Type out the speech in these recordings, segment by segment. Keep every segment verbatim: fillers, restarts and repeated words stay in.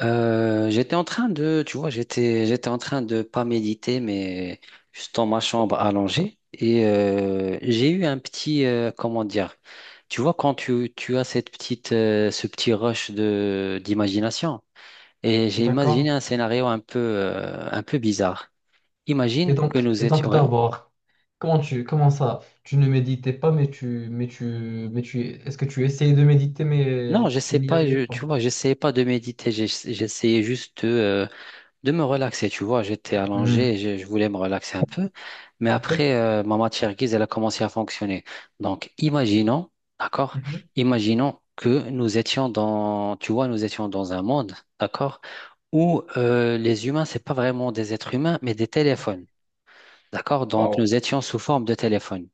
Euh, j'étais en train de, tu vois, j'étais, j'étais en train de pas méditer, mais juste dans ma chambre allongée. Et euh, j'ai eu un petit, euh, comment dire, tu vois, quand tu, tu as cette petite, euh, ce petit rush de, d'imagination, et j'ai imaginé D'accord. un scénario un peu, euh, un peu bizarre. Et Imagine que donc, nous et donc étions, ouais. d'abord, comment tu, comment ça, tu ne méditais pas, mais tu, mais tu, mais tu, est-ce que tu essayais de méditer, Non, mais je sais tu n'y pas, arrivais je, tu pas? vois, j'essayais pas de méditer, j'ess- j'essayais juste euh, de me relaxer, tu vois, j'étais Hmm. allongé, et je, je voulais me relaxer un peu, mais Ok. après, euh, ma matière grise, elle a commencé à fonctionner. Donc, imaginons, d'accord, Mhm. imaginons que nous étions dans, tu vois, nous étions dans un monde, d'accord, où euh, les humains, c'est pas vraiment des êtres humains, mais des téléphones, d'accord, donc Wow. nous étions sous forme de téléphone.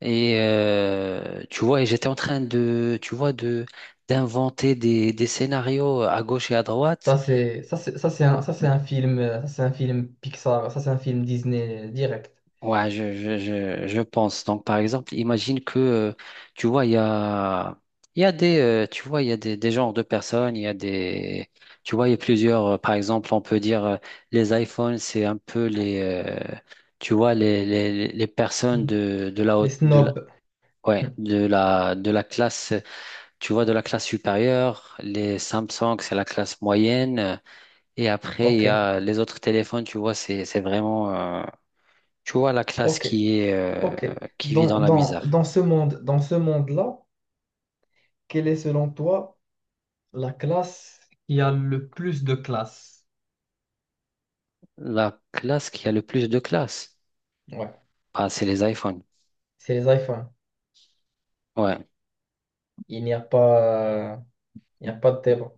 Et euh, tu vois, et j'étais en train de, tu vois, de d'inventer des, des scénarios à gauche et à droite. Ça c'est, ça c'est, ça c'est un, ça c'est un film, euh, ça c'est un film Pixar, ça c'est un film Disney direct. Ouais, je, je, je, je pense. Donc, par exemple, imagine que, euh, tu vois, il y a, il y a des, euh, tu vois, il y a des, des genres de personnes, il y a des, tu vois, il y a plusieurs, euh, par exemple, on peut dire, euh, les iPhones, c'est un peu les, euh, tu vois, les, les, les personnes Hmm. de, de la Les haute, de la, snobs. ouais, Hmm. de la, de la classe, tu vois, de la classe supérieure, les Samsung, c'est la classe moyenne, et après, il y Ok. a les autres téléphones, tu vois, c'est, c'est vraiment, euh, tu vois, la classe Ok. qui est, euh, Ok. qui vit Dans, dans la dans, misère. dans ce monde, dans ce monde-là, quelle est selon toi la classe qui a le plus de classe? La classe qui a le plus de classes, Ouais. bah, c'est les iPhones. C'est les iPhones. Ouais. Il n'y a pas, euh, il n'y a pas de débat.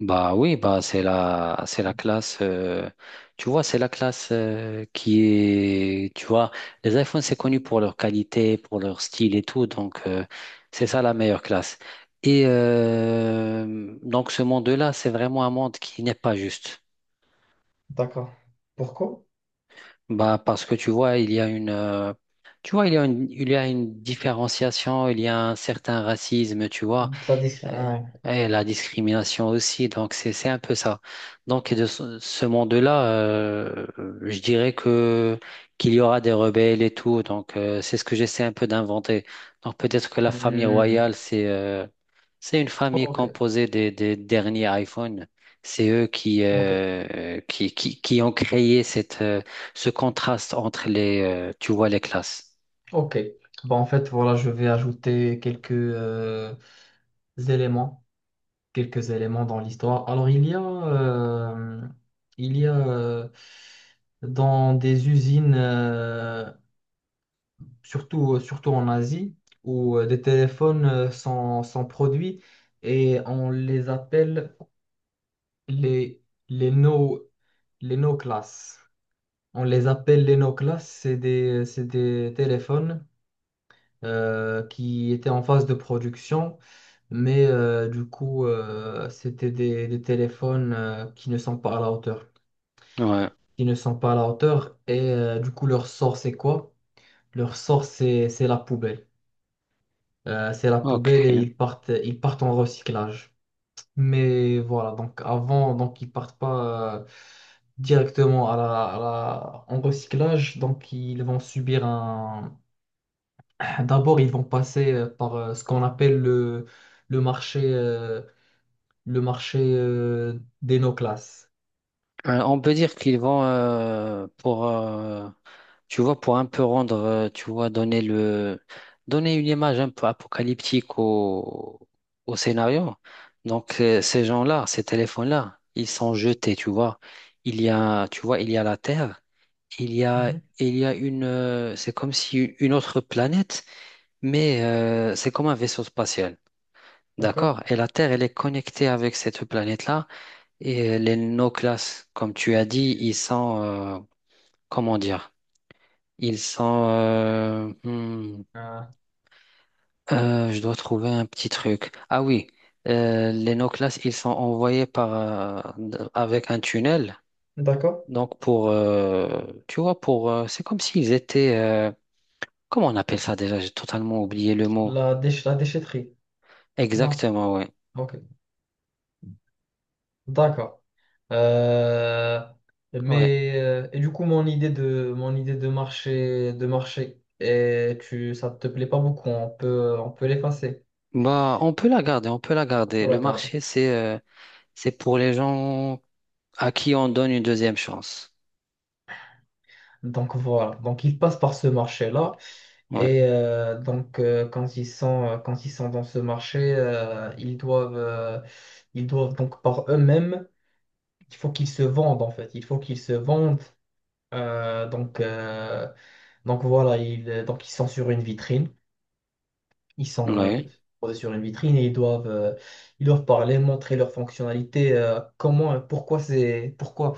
Bah oui, bah c'est la c'est la classe euh, tu vois, c'est la classe euh, qui est, tu vois, les iPhones c'est connu pour leur qualité, pour leur style et tout, donc euh, c'est ça la meilleure classe. Et euh, donc ce monde-là, c'est vraiment un monde qui n'est pas juste. D'accord. Pourquoi? Bah, parce que tu vois, il y a une, euh, tu vois, il y a une, il y a une différenciation, il y a un certain racisme, tu vois. De La dis- Euh, Ouais. Et la discrimination aussi, donc c'est c'est un peu ça. Donc de ce ce monde-là, euh, je dirais que qu'il y aura des rebelles et tout, donc euh, c'est ce que j'essaie un peu d'inventer. Donc peut-être que la famille Hmm. royale, c'est euh, c'est une famille Ok, composée des, des derniers iPhones. C'est eux qui, ok, euh, qui, qui, qui ont créé cette, euh, ce contraste entre les, euh, tu vois, les classes. ok. Bah, en fait, voilà, je vais ajouter quelques euh, éléments, quelques éléments dans l'histoire. Alors, il y a, euh, il y a euh, dans des usines, euh, surtout, surtout en Asie, où euh, des téléphones euh, sont, sont produits et on les appelle les, les no, les no class. On les appelle les no class. C'est des, c'est des téléphones euh, qui étaient en phase de production, mais euh, du coup, euh, c'était des, des téléphones euh, qui ne sont pas à la hauteur. Ouais, Qui ne sont pas à la hauteur, et euh, du coup, leur sort, c'est quoi? Leur sort, c'est c'est la poubelle. Euh, c'est la ok. poubelle et ils partent, ils partent en recyclage. Mais voilà, donc avant, donc ils partent pas euh, directement à la, à la- en recyclage, donc ils vont subir un... D'abord, ils vont passer euh, par euh, ce qu'on appelle le, le marché, euh, le marché euh, des no-classes. Euh, on peut dire qu'ils vont euh, pour euh, tu vois pour un peu rendre euh, tu vois donner le donner une image un peu apocalyptique au au scénario. Donc euh, ces gens-là, ces téléphones-là, ils sont jetés, tu vois. Il y a tu vois, il y a la Terre, il y a Mhm. il y a une euh, c'est comme si une autre planète, mais euh, c'est comme un vaisseau spatial. D'accord. D'accord? Et la Terre, elle est connectée avec cette planète-là. Et euh, les no class, comme tu as dit, ils sont, euh, comment dire, ils sont, euh, hmm, Euh, euh, je dois trouver un petit truc. Ah oui, euh, les no class, ils sont envoyés par, euh, d- avec un tunnel. D'accord. Donc pour, euh, tu vois, pour, euh, c'est comme s'ils étaient, euh, comment on appelle ça déjà? J'ai totalement oublié le mot. La déch- la déchetterie. Non. Exactement, ouais, Ok. D'accord. Euh, ouais. mais euh, et du coup, mon idée de mon idée de marché de marché et tu ça te plaît pas beaucoup, on peut on peut l'effacer, Bah, on peut la garder, on peut la on garder. peut la Le garder. marché, c'est, euh, c'est pour les gens à qui on donne une deuxième chance. Donc voilà. Donc ils passent par ce marché-là Ouais. et euh, donc euh, quand ils sont euh, quand ils sont dans ce marché, euh, ils doivent euh, ils doivent donc par eux-mêmes, il faut qu'ils se vendent en fait, il faut qu'ils se vendent. Euh, donc euh, donc voilà, ils donc ils sont sur une vitrine. Ils sont euh, Ouais, posés sur une vitrine et ils doivent, euh, ils doivent parler, montrer leurs fonctionnalités, euh, comment, euh, pourquoi c'est, pourquoi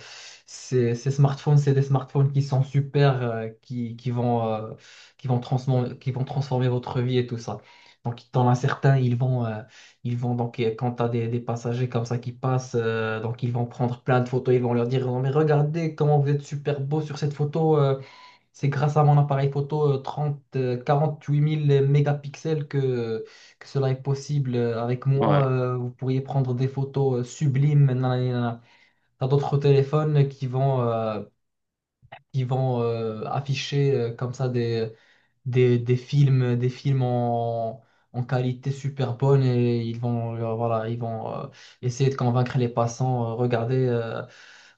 ces, ces smartphones, c'est des smartphones qui sont super, euh, qui, qui vont, euh, qui vont transformer, qui vont transformer votre vie et tout ça. Donc, dans as certains, ils vont, euh, ils vont donc, euh, quand tu as des, des passagers comme ça qui passent, euh, donc ils vont prendre plein de photos, ils vont leur dire, non, mais regardez comment vous êtes super beau sur cette photo, euh, c'est grâce à mon appareil photo euh, trente, euh, quarante-huit mille mégapixels que, que cela est possible. Euh, Avec ouais, moi, euh, vous pourriez prendre des photos euh, sublimes. Nanana, nanana. T'as d'autres téléphones qui vont, euh, qui vont euh, afficher euh, comme ça des, des, des films, des films en, en qualité super bonne et ils vont, euh, voilà, ils vont euh, essayer de convaincre les passants. Euh, regardez, euh,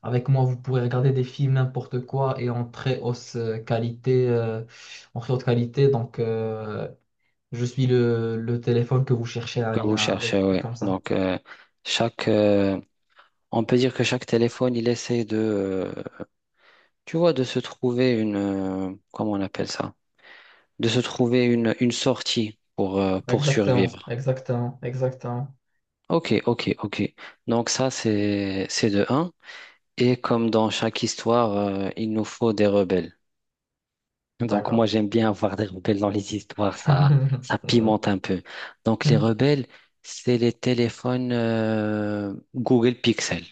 avec moi, vous pourrez regarder des films n'importe quoi et en très haute euh, qualité. euh, en très haute qualité. Donc, euh, je suis le, le téléphone que vous cherchez, que vous Alina, avec cherchez, ouais. comme ça. Donc, euh, chaque, euh, on peut dire que chaque téléphone, il essaie de, euh, tu vois, de se trouver une, euh, comment on appelle ça? De se trouver une, une sortie pour, euh, pour Exactement, survivre. exactement, exactement. Ok, ok, ok. Donc ça, c'est, c'est de un. Et comme dans chaque histoire, euh, il nous faut des rebelles. Donc D'accord. moi j'aime bien avoir des rebelles dans les histoires, ça ça pimente un peu. Donc les rebelles, c'est les téléphones euh, Google Pixel.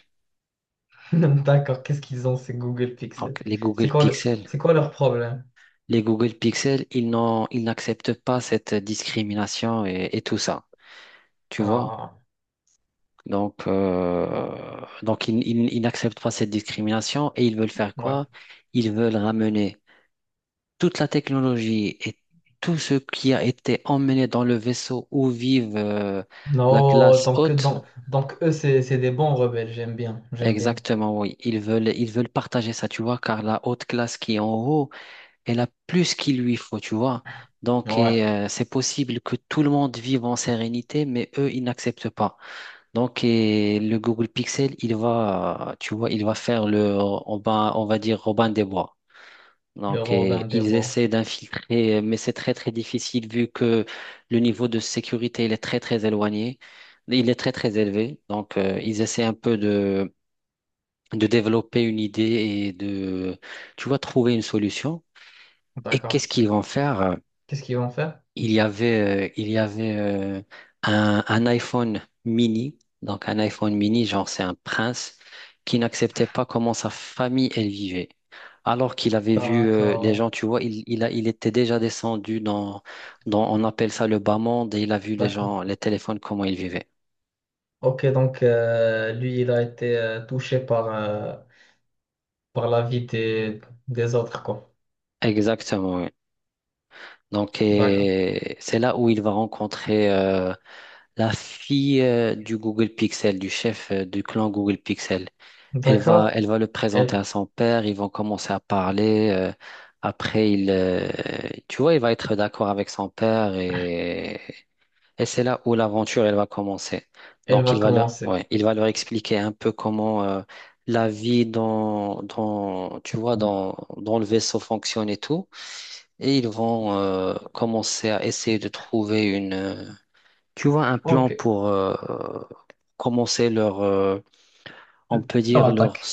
D'accord, qu'est-ce qu'ils ont, ces Google Pixel? Donc les C'est Google quoi le, Pixel, c'est quoi leur problème? les Google Pixel, ils n'ont ils n'acceptent pas cette discrimination et, et tout ça, tu vois? Ah, Donc euh, donc ils, ils, ils n'acceptent pas cette discrimination et ils veulent faire ouais. quoi? Ils veulent ramener toute la technologie et tout ce qui a été emmené dans le vaisseau où vivent euh, la Non, classe donc, haute, donc, donc eux, c'est c'est des bons rebelles, j'aime bien, j'aime bien. exactement, oui, ils veulent, ils veulent partager ça, tu vois, car la haute classe qui est en haut, elle a plus qu'il lui faut, tu vois. Donc, Ouais, et, euh, c'est possible que tout le monde vive en sérénité, mais eux, ils n'acceptent pas. Donc, et le Google Pixel, il va, tu vois, il va faire le, on va, on va dire Robin des Bois. le Donc, euh, Robin des ils Bois. essaient d'infiltrer, euh, mais c'est très, très difficile vu que le niveau de sécurité, il est très, très éloigné. Il est très, très élevé. Donc, euh, ils essaient un peu de, de développer une idée et de, tu vois, trouver une solution. Et D'accord. qu'est-ce qu'ils vont faire? Qu'est-ce qu'ils vont faire? Il y avait, euh, il y avait euh, un, un iPhone mini, donc un iPhone mini, genre c'est un prince, qui n'acceptait pas comment sa famille elle vivait. Alors qu'il avait vu euh, les D'accord, gens, tu vois, il, il a, il était déjà descendu dans, dans, on appelle ça le bas monde, et il a vu les d'accord. gens, les téléphones, comment ils vivaient. Ok, donc euh, lui, il a été euh, touché par, euh, par la vie des, des autres, quoi. Exactement, oui. Donc, D'accord. et c'est là où il va rencontrer euh, la fille euh, du Google Pixel, du chef euh, du clan Google Pixel. Elle va, D'accord. elle va le présenter Elle, à son père, ils vont commencer à parler. euh, après, il, euh, tu vois, il va être d'accord avec son père et, et c'est là où l'aventure, elle va commencer. elle Donc, va il va leur, commencer. ouais, il va leur expliquer un peu comment euh, la vie dans, dans, tu vois, dans, dans le vaisseau fonctionne et tout. Et ils vont euh, commencer à essayer de trouver une, euh, tu vois, un plan Ok. pour euh, commencer leur, euh, on Le- peut Leur dire leur attaque,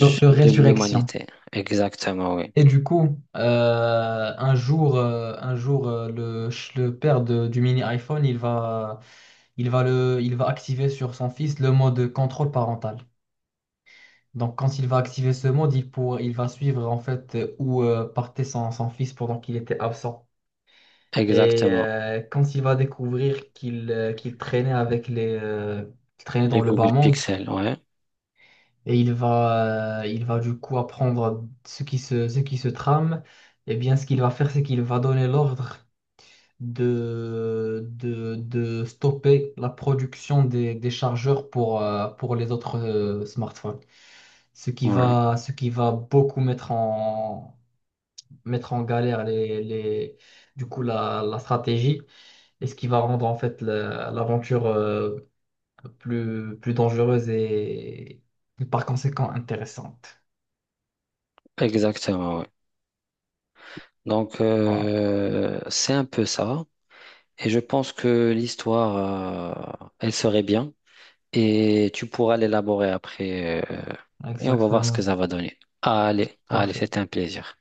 leur, leur de résurrection. l'humanité. Exactement, oui. Et du coup, euh, un jour, euh, un jour euh, le, ch- le père de- du mini iPhone, il va, il va, le, il va activer sur son fils le mode contrôle parental. Donc, quand il va activer ce mode, il, pour, il va suivre en fait euh, où euh, partait son, son fils pendant qu'il était absent. Et Exactement. euh, quand il va découvrir qu'il euh, qu'il traînait avec les, euh, qu'il traînait Les dans le bas Google monde, Pixel, ouais. et il va, euh, il va du coup apprendre ce qui se, ce qui se trame, et bien ce qu'il va faire, c'est qu'il va donner l'ordre de, de, de stopper la production des, des chargeurs pour, euh, pour les autres euh, smartphones. ce qui Ouais. va, ce qui va beaucoup mettre en, mettre en galère les, les, du coup, la, la stratégie et ce qui va rendre en fait la- l'aventure euh, plus, plus dangereuse et, et par conséquent intéressante. Exactement, oui. Donc, Voilà, euh, c'est un peu ça. Et je pense que l'histoire, euh, elle serait bien. Et tu pourras l'élaborer après euh, et on va voir ce que exactement. ça va donner. Allez, allez, Parfait. c'était un plaisir.